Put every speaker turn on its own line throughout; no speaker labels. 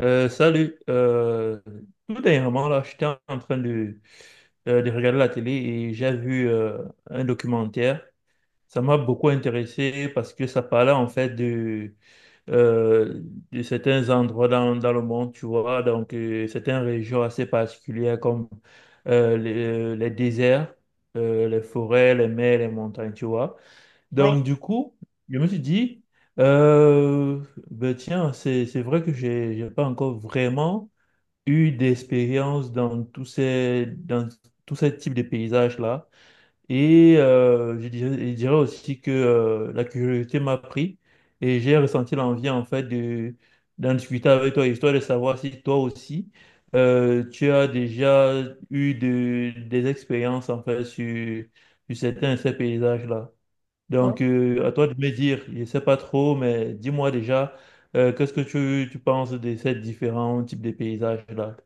Salut. Tout dernièrement, là, j'étais en train de regarder la télé et j'ai vu un documentaire. Ça m'a beaucoup intéressé parce que ça parlait en fait de, euh, de certains endroits dans le monde, tu vois, donc certaines régions assez particulières comme les déserts, les forêts, les mers, les montagnes, tu vois.
Oui,
Donc, du coup, je me suis dit, euh, ben tiens, c'est vrai que j'ai pas encore vraiment eu d'expérience dans dans tous ces types de paysages-là. Et je dirais aussi que la curiosité m'a pris et j'ai ressenti l'envie, en fait, d'en discuter avec toi, histoire de savoir si toi aussi, tu as déjà eu des expériences, en fait, sur certains de ces paysages-là.
oui.
Donc, à toi de me dire, je ne sais pas trop, mais dis-moi déjà, qu'est-ce que tu penses de ces différents types de paysages-là?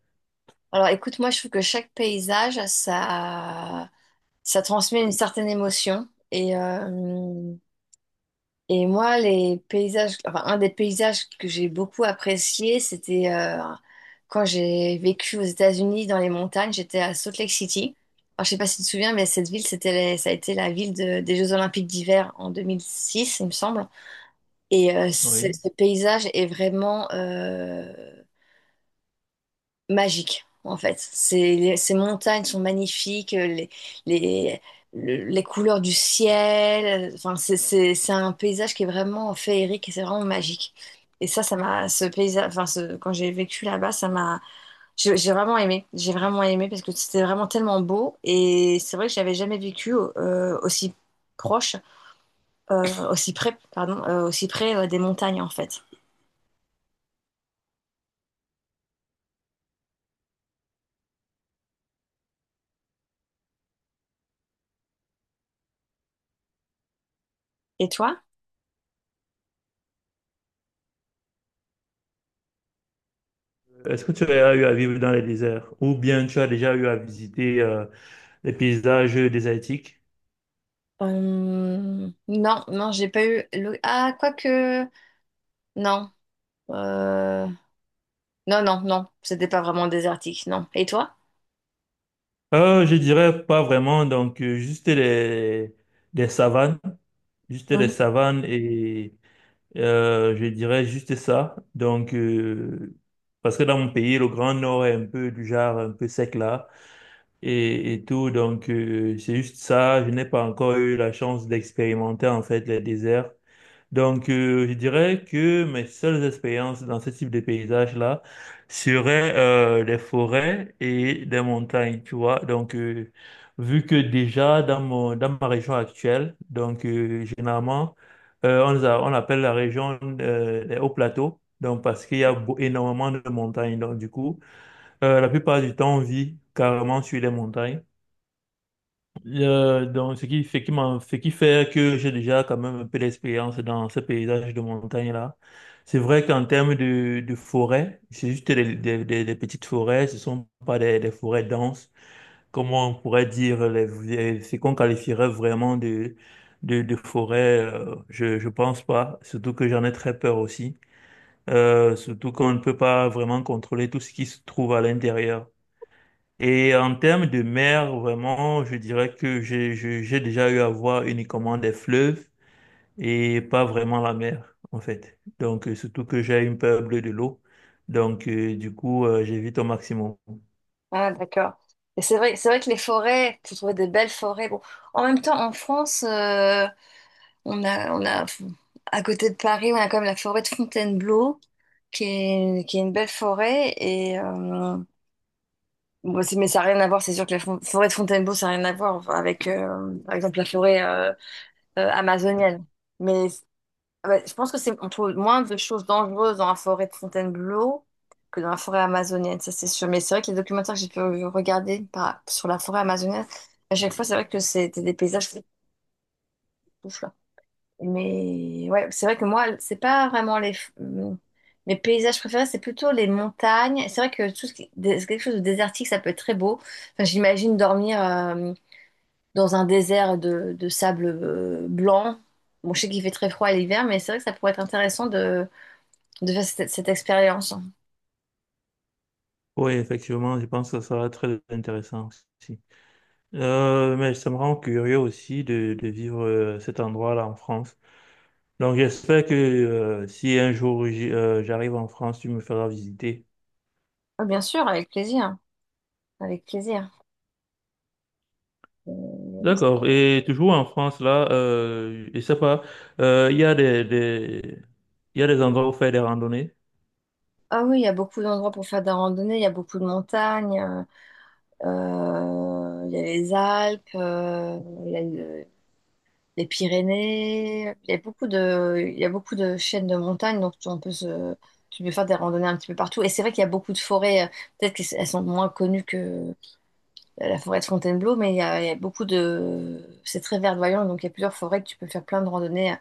Alors écoute, moi je trouve que chaque paysage, ça transmet une certaine émotion. Et moi, les paysages, enfin, un des paysages que j'ai beaucoup apprécié, c'était quand j'ai vécu aux États-Unis dans les montagnes, j'étais à Salt Lake City. Alors, je sais pas si tu te souviens, mais cette ville, c'était ça a été la ville des Jeux Olympiques d'hiver en 2006, il me semble. Et euh, ce
Oui.
ce paysage est vraiment magique, en fait. Ces montagnes sont magnifiques, les, les couleurs du ciel. Enfin, c'est un paysage qui est vraiment féerique et c'est vraiment magique. Et ce paysage, enfin, quand j'ai vécu là-bas, ça m'a, j'ai vraiment aimé. J'ai vraiment aimé parce que c'était vraiment tellement beau. Et c'est vrai que j'avais jamais vécu aussi proche, aussi près, pardon, aussi près des montagnes, en fait. Et toi?
Est-ce que tu as eu à vivre dans les déserts ou bien tu as déjà eu à visiter les paysages désertiques?
Non, non, j'ai pas eu. Ah, quoique. Non. Euh, Non, non, non. C'était pas vraiment désertique, non. Et toi?
Je dirais pas vraiment, donc juste les savanes, juste les
Mhm.
savanes et je dirais juste ça. Donc, parce que dans mon pays, le Grand Nord est un peu du genre un peu sec là. Et et, tout. Donc, c'est juste ça. Je n'ai pas encore eu la chance d'expérimenter en fait les déserts. Donc, je dirais que mes seules expériences dans ce type de paysage-là seraient les forêts et des montagnes, tu vois. Donc, vu que déjà dans dans ma région actuelle, donc généralement, on, on appelle la région des hauts plateaux. Donc, parce qu'il y a énormément de montagnes. Donc, du coup, la plupart du temps, on vit carrément sur les montagnes. Donc, ce qui fait que j'ai déjà quand même un peu d'expérience dans ce paysage de montagne-là. C'est vrai qu'en termes de forêt, c'est juste des petites forêts, ce sont pas des forêts denses, comme on pourrait dire, ce qu'on qualifierait vraiment de forêt, je pense pas, surtout que j'en ai très peur aussi. Surtout qu'on ne peut pas vraiment contrôler tout ce qui se trouve à l'intérieur. Et en termes de mer, vraiment, je dirais que j'ai déjà eu à voir uniquement des fleuves et pas vraiment la mer, en fait. Donc, surtout que j'ai une peur bleue de l'eau. Donc, du coup, j'évite au maximum.
Ah, d'accord. Et c'est vrai que les forêts, tu trouver des belles forêts. Bon, en même temps, en France, on a, à côté de Paris, on a quand même la forêt de Fontainebleau, qui est une belle forêt. Et bon, mais ça n'a rien à voir. C'est sûr que la forêt de Fontainebleau, ça n'a rien à voir avec, par exemple, la forêt amazonienne. Mais ah bah, je pense que on trouve moins de choses dangereuses dans la forêt de Fontainebleau que dans la forêt amazonienne, ça c'est sûr. Mais c'est vrai que les documentaires que j'ai pu regarder sur la forêt amazonienne, à chaque fois, c'est vrai que c'était des paysages ouf, là. Mais ouais, c'est vrai que moi, c'est pas vraiment hum, mes paysages préférés, c'est plutôt les montagnes. Et c'est vrai que tout ce qui quelque chose de désertique, ça peut être très beau. Enfin, j'imagine dormir dans un désert de sable blanc. Bon, je sais qu'il fait très froid à l'hiver, mais c'est vrai que ça pourrait être intéressant de faire cette expérience.
Oui, effectivement, je pense que ça sera très intéressant aussi. Mais ça me rend curieux aussi de vivre cet endroit-là en France. Donc, j'espère que si un jour j'arrive en France, tu me feras visiter.
Ah, bien sûr, avec plaisir, avec plaisir. Euh,
D'accord. Et toujours en France, là, je sais pas, euh, il y a des, des, il y a des endroits où faire des randonnées.
Ah oui, il y a beaucoup d'endroits pour faire de la randonnée, il y a beaucoup de montagnes, il y a les Alpes, il y a les Pyrénées, il y a il y a beaucoup de chaînes de montagnes, donc on peut tu peux faire des randonnées un petit peu partout. Et c'est vrai qu'il y a beaucoup de forêts, peut-être qu'elles sont moins connues que la forêt de Fontainebleau, mais il y a beaucoup de, c'est très verdoyant, donc il y a plusieurs forêts que tu peux faire plein de randonnées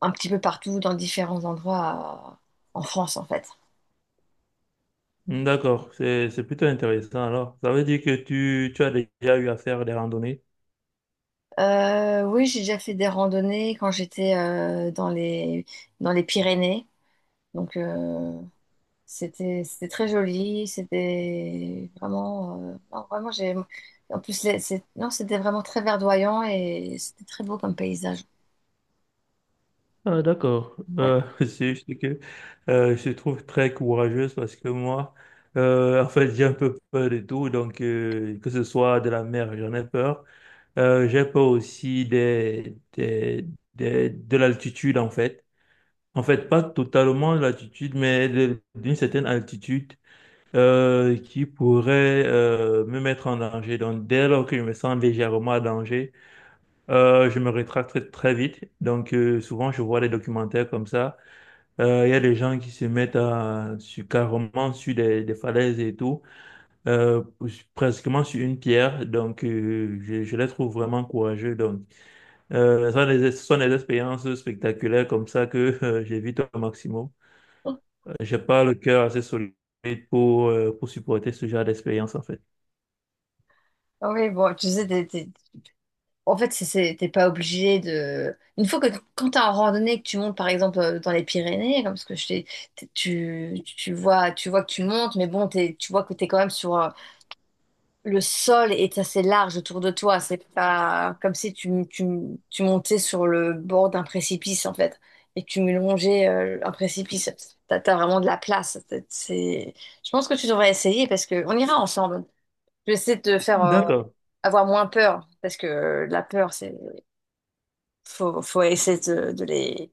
un petit peu partout, dans différents endroits en France, en fait.
Hmm, d'accord. C'est plutôt intéressant. Alors, ça veut dire que tu as déjà eu à faire des randonnées.
Oui, j'ai déjà fait des randonnées quand j'étais dans les Pyrénées. Donc, c'était très joli. C'était vraiment. Non, vraiment, j'ai. En plus, non, c'était vraiment très verdoyant et c'était très beau comme paysage.
Ah, d'accord.
Ouais.
C'est juste que je te trouve très courageuse parce que moi, en fait, j'ai un peu peur de tout. Donc, que ce soit de la mer, j'en ai peur. J'ai peur aussi de l'altitude, en fait. En fait, pas totalement l'altitude, mais d'une certaine altitude qui pourrait me mettre en danger. Donc, dès lors que je me sens légèrement en danger, je me rétracte très vite. Donc, souvent, je vois des documentaires comme ça. Il y a des gens qui se mettent carrément sur des falaises et tout, euh, presquement sur une pierre. Donc, je les trouve vraiment courageux. Donc, ce sont des expériences spectaculaires comme ça que j'évite au maximum. J'ai pas le cœur assez solide pour supporter ce genre d'expérience, en fait.
Ah oui, bon, tu sais, en fait, t'es pas obligé de. Une fois que quand t'es en randonnée, que tu montes par exemple dans les Pyrénées, comme ce que je t'ai, tu vois que tu montes, mais bon, tu vois que t'es quand même sur le sol et c'est assez large autour de toi. C'est pas comme si tu montais sur le bord d'un précipice en fait et que tu me longeais un précipice. T'as vraiment de la place. Je pense que tu devrais essayer parce que on ira ensemble. Je vais essayer de te faire
D'accord.
avoir moins peur parce que la peur, c'est faut, faut essayer de les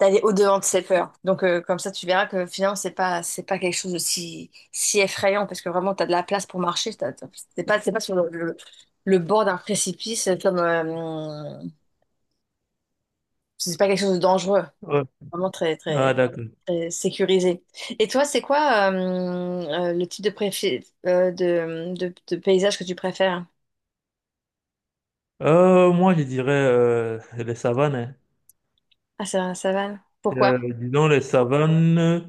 d'aller au-devant de ses peurs. Donc comme ça tu verras que finalement c'est pas quelque chose de si effrayant parce que vraiment tu as de la place pour marcher, c'est pas sur le bord d'un précipice comme c'est pas quelque chose de dangereux,
Ouais.
vraiment
Ah, d'accord.
très sécurisé. Et toi, c'est quoi le type de, de paysage que tu préfères?
Moi, je dirais les savanes, hein.
Ah, c'est la savane. Pourquoi?
Disons les savanes,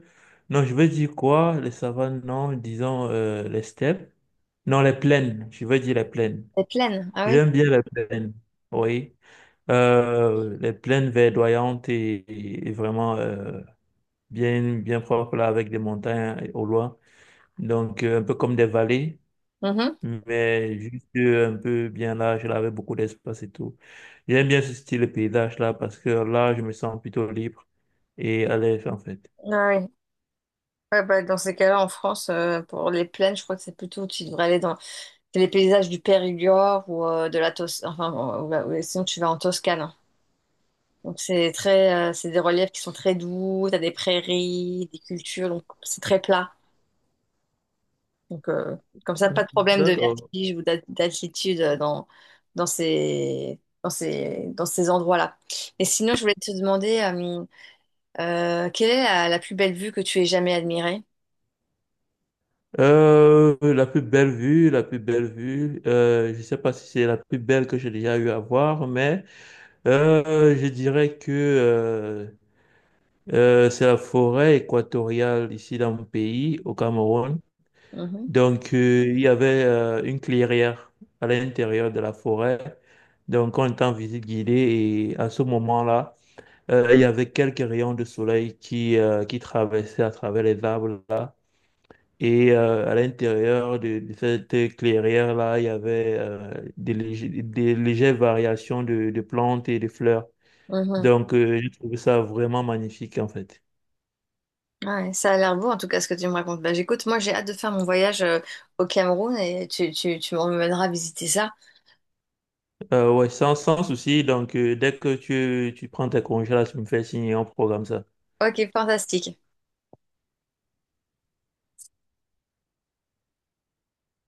non, je veux dire quoi? Les savanes, non. Disons les steppes. Non, les plaines. Je veux dire les plaines.
Les plaines, ah oui.
J'aime bien les plaines. Oui. Les plaines verdoyantes et vraiment bien, bien propres là, avec des montagnes au loin. Donc, un peu comme des vallées.
Mhm.
Mais juste un peu bien large, là, avec beaucoup d'espace et tout. J'aime bien ce style de paysage là parce que là, je me sens plutôt libre et à l'aise en fait.
Ah oui. Ouais, bah, dans ces cas-là, en France, pour les plaines, je crois que c'est plutôt, tu devrais aller dans c'est les paysages du Périgord ou de la Toscane, enfin, bon, sinon tu vas en Toscane, hein. Donc c'est très, c'est des reliefs qui sont très doux, t'as des prairies, des cultures, donc c'est très plat. Donc comme ça, pas de problème de
D'accord.
vertige ou d'altitude dans dans ces endroits-là. Et sinon, je voulais te demander, quelle est la plus belle vue que tu aies jamais admirée?
La plus belle vue, la plus belle vue, je sais pas si c'est la plus belle que j'ai déjà eu à voir, mais je dirais que c'est la forêt équatoriale ici dans mon pays, au Cameroun.
Mhm,
Donc, il y avait une clairière à l'intérieur de la forêt. Donc, on était en visite guidée et à ce moment-là, il y avait quelques rayons de soleil qui traversaient à travers les arbres là. Et à l'intérieur de cette clairière-là, il y avait des légères variations de plantes et de fleurs.
mhm.
Donc, j'ai trouvé ça vraiment magnifique en fait.
Ouais, ça a l'air beau en tout cas ce que tu me racontes. Bah, j'écoute, moi j'ai hâte de faire mon voyage au Cameroun et tu m'emmèneras visiter ça.
Ouais, sans souci. Donc, dès que tu prends tes congés là, tu me fais signer, on programme ça.
Ok, fantastique.